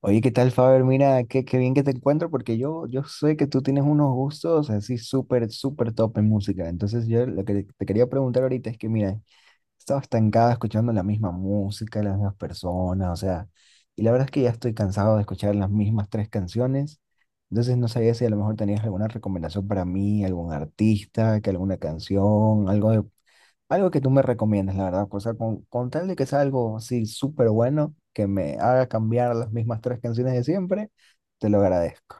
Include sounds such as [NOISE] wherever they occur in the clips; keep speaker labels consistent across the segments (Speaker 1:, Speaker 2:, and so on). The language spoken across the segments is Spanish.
Speaker 1: Oye, ¿qué tal, Faber? Mira, qué bien que te encuentro porque yo sé que tú tienes unos gustos así súper top en música. Entonces, yo lo que te quería preguntar ahorita es que, mira, estaba estancada escuchando la misma música, las mismas personas, o sea, y la verdad es que ya estoy cansado de escuchar las mismas tres canciones, entonces no sabía si a lo mejor tenías alguna recomendación para mí, algún artista, que alguna canción, algo de, algo que tú me recomiendas, la verdad, o sea, con tal de que sea algo así súper bueno, que me haga cambiar las mismas tres canciones de siempre, te lo agradezco.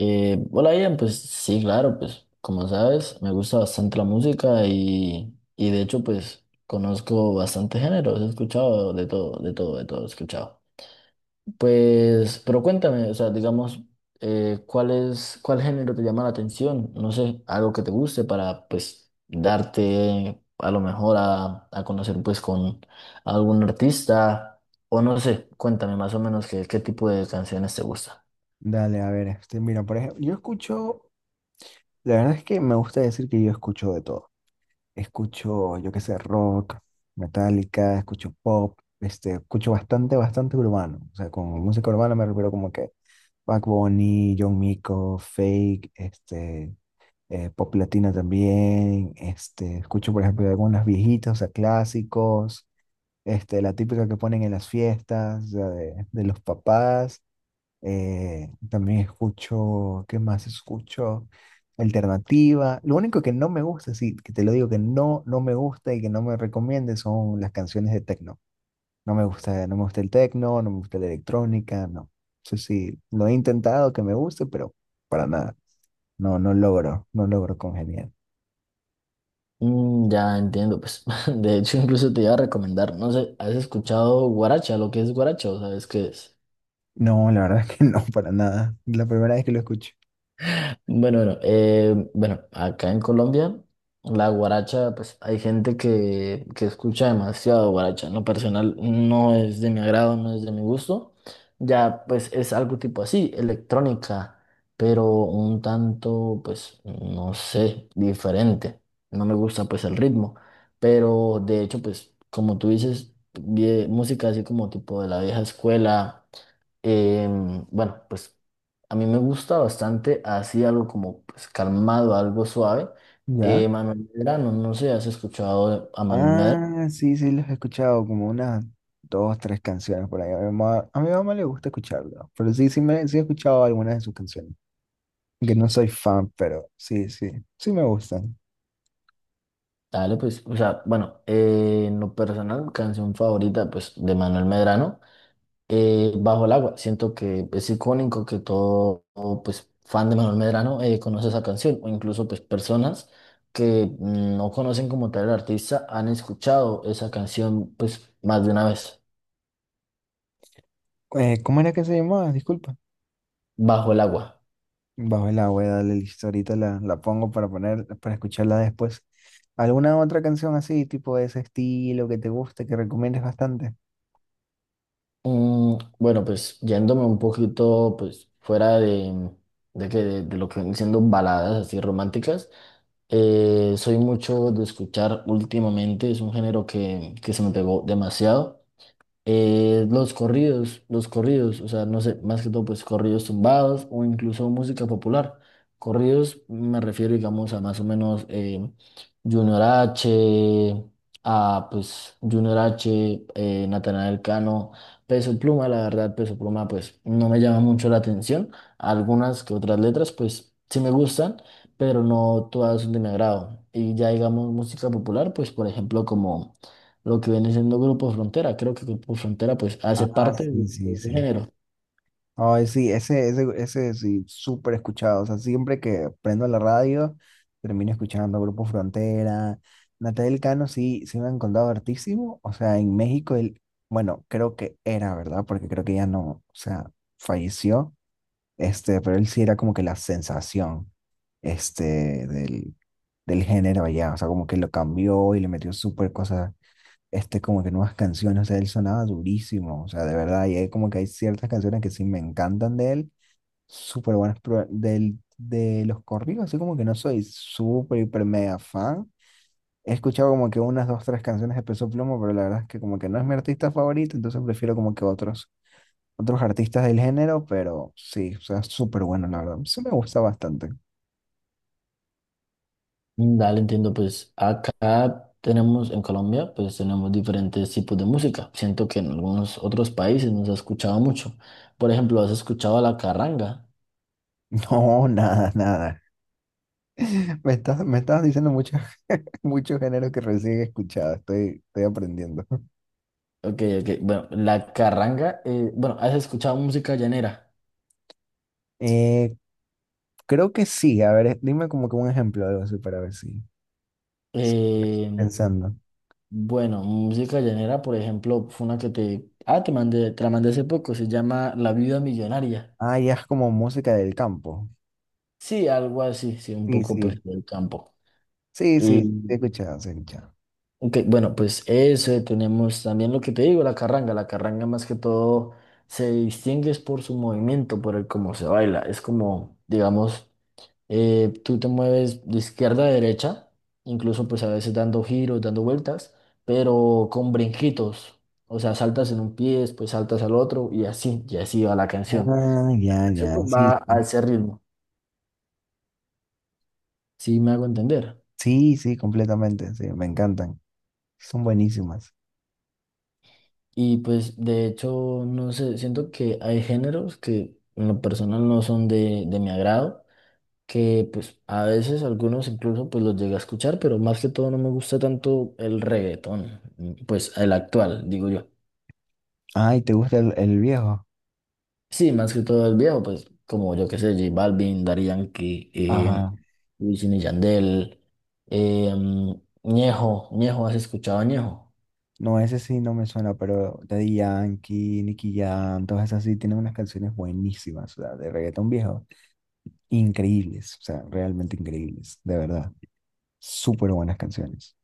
Speaker 2: Hola Ian, pues sí, claro, pues como sabes, me gusta bastante la música y de hecho pues conozco bastante géneros, he escuchado de todo, de todo, de todo, he escuchado. Pues, pero cuéntame, o sea, digamos, ¿cuál es, cuál género te llama la atención? No sé, algo que te guste para pues darte a lo mejor a conocer pues con algún artista o no sé, cuéntame más o menos qué, qué tipo de canciones te gusta.
Speaker 1: Dale, a ver, este, mira, por ejemplo, yo escucho, la verdad es que me gusta decir que yo escucho de todo. Escucho, yo qué sé, rock, metálica, escucho pop, este, escucho bastante urbano. O sea, con música urbana me refiero como que Bad Bunny, John Mico, Fake, este, pop latina también. Este, escucho, por ejemplo, algunas viejitas, o sea, clásicos, este, la típica que ponen en las fiestas, o sea, de los papás. También escucho, ¿qué más escucho? Alternativa. Lo único que no me gusta, sí, que te lo digo que no, no me gusta y que no me recomiende son las canciones de techno. No me gusta, no me gusta el techno, no me gusta la electrónica, no. Eso sí, lo he intentado que me guste, pero para nada. No, no logro, no logro congeniar.
Speaker 2: Mm, ya entiendo, pues [LAUGHS] de hecho incluso te iba a recomendar, no sé, ¿has escuchado guaracha? Lo que es guaracha, ¿o sabes qué es?
Speaker 1: No, la verdad [LAUGHS] es que no, para nada. La primera vez que lo escucho.
Speaker 2: Bueno, bueno, bueno, acá en Colombia, la guaracha, pues hay gente que escucha demasiado guaracha. En lo personal no es de mi agrado, no es de mi gusto. Ya, pues es algo tipo así, electrónica, pero un tanto, pues, no sé, diferente. No me gusta, pues, el ritmo. Pero de hecho, pues, como tú dices, música así como tipo de la vieja escuela. Bueno, pues a mí me gusta bastante así algo como pues, calmado, algo suave.
Speaker 1: ¿Ya?
Speaker 2: Manuel Medrano, no no sé, ¿has escuchado a Manuel Medrano?
Speaker 1: Ah, sí, sí, los he escuchado, como unas dos, tres canciones por ahí. A mi mamá le gusta escucharlo, pero sí, sí, me, sí he escuchado algunas de sus canciones. Que no soy fan, pero sí, sí, sí me gustan.
Speaker 2: Dale, pues, o sea, bueno, en lo personal, canción favorita, pues, de Manuel Medrano, Bajo el agua. Siento que es icónico que todo, todo, pues, fan de Manuel Medrano conoce esa canción, o incluso, pues, personas que mm, no conocen como tal el artista han escuchado esa canción, pues, más de una vez,
Speaker 1: ¿Cómo era que se llamaba? Disculpa.
Speaker 2: Bajo el agua.
Speaker 1: Bajo el agua, dale listo, ahorita la pongo para poner, para escucharla después. ¿Alguna otra canción así, tipo de ese estilo que te guste, que recomiendes bastante?
Speaker 2: Mm, bueno, pues yéndome un poquito pues fuera de lo que vienen siendo baladas así románticas, soy mucho de escuchar últimamente, es un género que se me pegó demasiado. Los corridos, los corridos, o sea, no sé, más que todo, pues corridos tumbados o incluso música popular. Corridos me refiero, digamos, a más o menos Junior H, a pues Junior H, Natanael Cano, Peso Pluma, la verdad, Peso Pluma, pues no me llama mucho la atención. Algunas que otras letras, pues sí me gustan, pero no todas son de mi agrado. Y ya digamos música popular, pues por ejemplo, como lo que viene siendo Grupo Frontera. Creo que Grupo Frontera pues hace
Speaker 1: Ah,
Speaker 2: parte
Speaker 1: sí,
Speaker 2: de
Speaker 1: sí,
Speaker 2: ese
Speaker 1: sí.
Speaker 2: género.
Speaker 1: Ay, sí, ese sí, súper escuchado. O sea, siempre que prendo la radio, termino escuchando Grupo Frontera. Natal Cano sí, sí me han contado hartísimo. O sea, en México, él, bueno, creo que era, ¿verdad? Porque creo que ya no, o sea, falleció. Este, pero él sí era como que la sensación, este, del, del género allá. O sea, como que lo cambió y le metió súper cosas este, como que nuevas canciones, o sea, él sonaba durísimo, o sea, de verdad, y hay como que hay ciertas canciones que sí me encantan de él, súper buenas, pero del, de los corridos, así como que no soy súper, hiper, mega fan, he escuchado como que unas, dos, tres canciones de Peso Pluma, pero la verdad es que como que no es mi artista favorito, entonces prefiero como que otros, otros artistas del género, pero sí, o sea, súper bueno, la verdad, sí me gusta bastante.
Speaker 2: Mm, dale, entiendo, pues acá tenemos en Colombia pues tenemos diferentes tipos de música. Siento que en algunos otros países no se ha escuchado mucho. Por ejemplo, ¿has escuchado la carranga?
Speaker 1: [LAUGHS] No, nada, nada. Me estás diciendo muchos [LAUGHS] muchos géneros que recién he escuchado, estoy, estoy aprendiendo.
Speaker 2: Ok, ok. Bueno, la carranga, bueno, ¿has escuchado música llanera?
Speaker 1: Eh, Creo que sí. A ver, dime como que un ejemplo, de algo así, para ver si. si-
Speaker 2: Eh,
Speaker 1: Pensando.
Speaker 2: bueno, música llanera, por ejemplo, fue una que te... Ah, te mandé, te la mandé hace poco, se llama La Viuda Millonaria.
Speaker 1: Ah, ya es como música del campo.
Speaker 2: Sí, algo así, sí, un
Speaker 1: Sí,
Speaker 2: poco pues
Speaker 1: sí.
Speaker 2: del campo.
Speaker 1: Sí,
Speaker 2: Y,
Speaker 1: sí. sí, He escuchado, sí, he escuchado.
Speaker 2: ok, bueno, pues eso, tenemos también lo que te digo, la carranga. La carranga más que todo se distingue es por su movimiento, por el cómo se baila. Es como, digamos, tú te mueves de izquierda a derecha, incluso pues a veces dando giros, dando vueltas, pero con brinquitos. O sea, saltas en un pie, después saltas al otro y así va la canción.
Speaker 1: Ah, ya,
Speaker 2: Siempre
Speaker 1: ya. Sí,
Speaker 2: va a
Speaker 1: sí,
Speaker 2: ese ritmo, si me hago entender.
Speaker 1: sí, sí, completamente. Sí, me encantan. Son buenísimas.
Speaker 2: Y pues de hecho, no sé, siento que hay géneros que en lo personal no son de mi agrado, que pues a veces algunos incluso pues los llegué a escuchar, pero más que todo no me gusta tanto el reggaetón, mm, pues el actual, digo yo.
Speaker 1: Ay, ¿te gusta el viejo?
Speaker 2: Sí, más que todo el viejo, pues como yo que sé, J Balvin, Daddy Yankee,
Speaker 1: Ajá.
Speaker 2: Wisin y Yandel, Ñejo, Ñejo, ¿has escuchado a Ñejo?
Speaker 1: No, ese sí no me suena, pero Daddy Yankee, Nicky Jam, todas esas sí tienen unas canciones buenísimas, o sea, de reggaetón viejo. Increíbles, o sea, realmente increíbles, de verdad. Súper buenas canciones.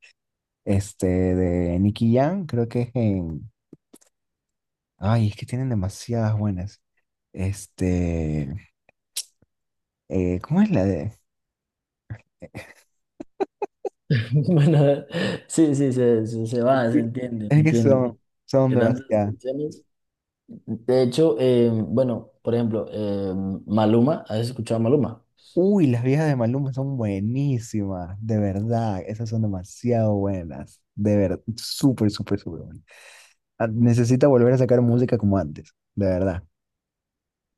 Speaker 1: Este, de Nicky Jam, creo que es en... Ay, es que tienen demasiadas buenas. Este, ¿cómo es la de...?
Speaker 2: [LAUGHS] Bueno, sí, sí, se va, se
Speaker 1: Sí,
Speaker 2: entiende,
Speaker 1: es que
Speaker 2: entiende.
Speaker 1: son, son
Speaker 2: De tantas
Speaker 1: demasiadas.
Speaker 2: canciones. De hecho, bueno, por ejemplo, Maluma, ¿has escuchado a Maluma?
Speaker 1: Uy, las viejas de Maluma son buenísimas, de verdad, esas son demasiado buenas, de verdad, súper, súper, súper buenas. Ah, necesita volver a sacar música como antes, de verdad.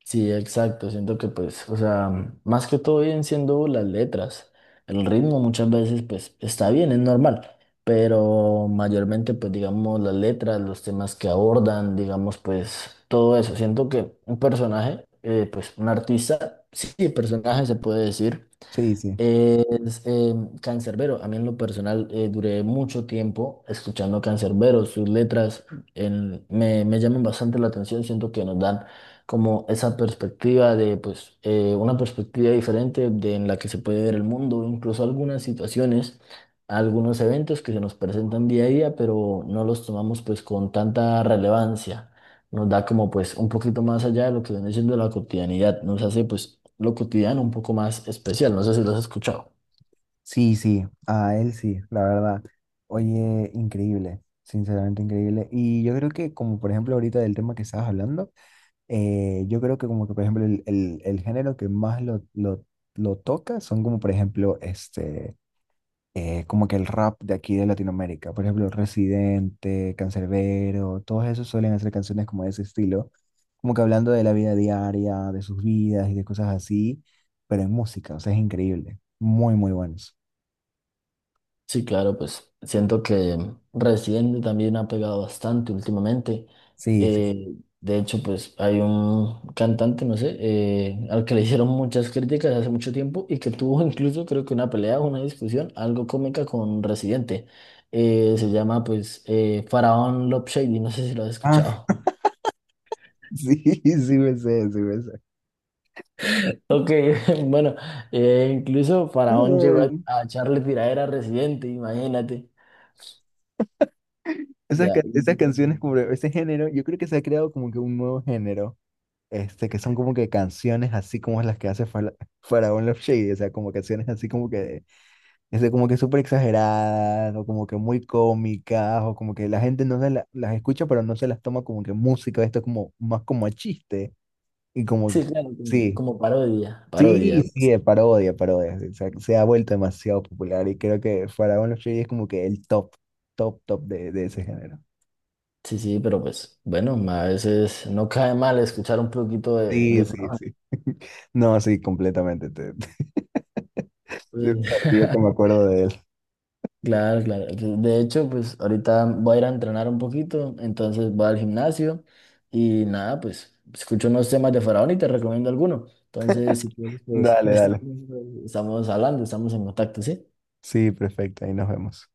Speaker 2: Sí, exacto, siento que pues, o sea, más que todo vienen siendo las letras. El ritmo muchas veces pues está bien, es normal, pero mayormente pues digamos las letras, los temas que abordan, digamos pues todo eso. Siento que un personaje, pues un artista, sí, personaje se puede decir
Speaker 1: Sí, sí.
Speaker 2: es Canserbero. A mí en lo personal duré mucho tiempo escuchando Canserbero. Sus letras me, me llaman bastante la atención. Siento que nos dan como esa perspectiva de, pues, una perspectiva diferente de en la que se puede ver el mundo, incluso algunas situaciones, algunos eventos que se nos presentan día a día, pero no los tomamos pues con tanta relevancia nos da como pues un poquito más allá de lo que viene siendo la cotidianidad, nos hace pues lo cotidiano un poco más especial, no sé si lo has escuchado.
Speaker 1: Sí, sí, a él sí, la verdad. Oye, increíble, sinceramente increíble. Y yo creo que como por ejemplo ahorita del tema que estabas hablando, yo creo que como que por ejemplo el, el género que más lo toca son como por ejemplo este, como que el rap de aquí de Latinoamérica. Por ejemplo, Residente, Canserbero, todos esos suelen hacer canciones como de ese estilo, como que hablando de la vida diaria, de sus vidas y de cosas así, pero en música, o sea, es increíble. Muy, muy buenos.
Speaker 2: Sí, claro, pues siento que Residente también ha pegado bastante últimamente.
Speaker 1: Sí, sí.
Speaker 2: De hecho, pues hay un cantante, no sé, al que le hicieron muchas críticas hace mucho tiempo y que tuvo incluso creo que una pelea o una discusión algo cómica con Residente. Se llama pues Faraón Love Shady, no sé si lo has
Speaker 1: Ah,
Speaker 2: escuchado.
Speaker 1: [LAUGHS] sí, sí me sé, sí me sé.
Speaker 2: Ok, [LAUGHS] bueno, incluso Faraón llegó
Speaker 1: Ay,
Speaker 2: a echarle tiradera a Residente, imagínate.
Speaker 1: esas,
Speaker 2: Ya,
Speaker 1: esas canciones, como ese género, yo creo que se ha creado como que un nuevo género, este, que son como que canciones así como las que hace Faraón Love Shady, o sea, como canciones así como que, este, como que súper exageradas, o como que muy cómicas, o como que la gente no se las escucha, pero no se las toma como que música, esto es como más como a chiste, y como,
Speaker 2: sí, claro, como,
Speaker 1: sí.
Speaker 2: como parodia,
Speaker 1: Sí,
Speaker 2: parodia.
Speaker 1: sí, es parodia, es parodia. O sea, se ha vuelto demasiado popular y creo que Faraón los Reyes es como que el top, top, top de ese género.
Speaker 2: Sí, sí, pero pues, bueno, a veces no cae mal escuchar un poquito
Speaker 1: Sí,
Speaker 2: de
Speaker 1: sí,
Speaker 2: Faraón.
Speaker 1: sí. [LAUGHS] No, sí, completamente. Te, [LAUGHS] te,
Speaker 2: Pues,
Speaker 1: perdí que me
Speaker 2: [LAUGHS]
Speaker 1: acuerdo de él.
Speaker 2: claro, claro. De hecho, pues ahorita voy a ir a entrenar un poquito, entonces voy al gimnasio y nada, pues escucho unos temas de Faraón y te recomiendo alguno. Entonces, si quieres, pues [LAUGHS]
Speaker 1: Dale, dale.
Speaker 2: estamos, estamos hablando, estamos en contacto, ¿sí?
Speaker 1: Sí, perfecto, ahí nos vemos.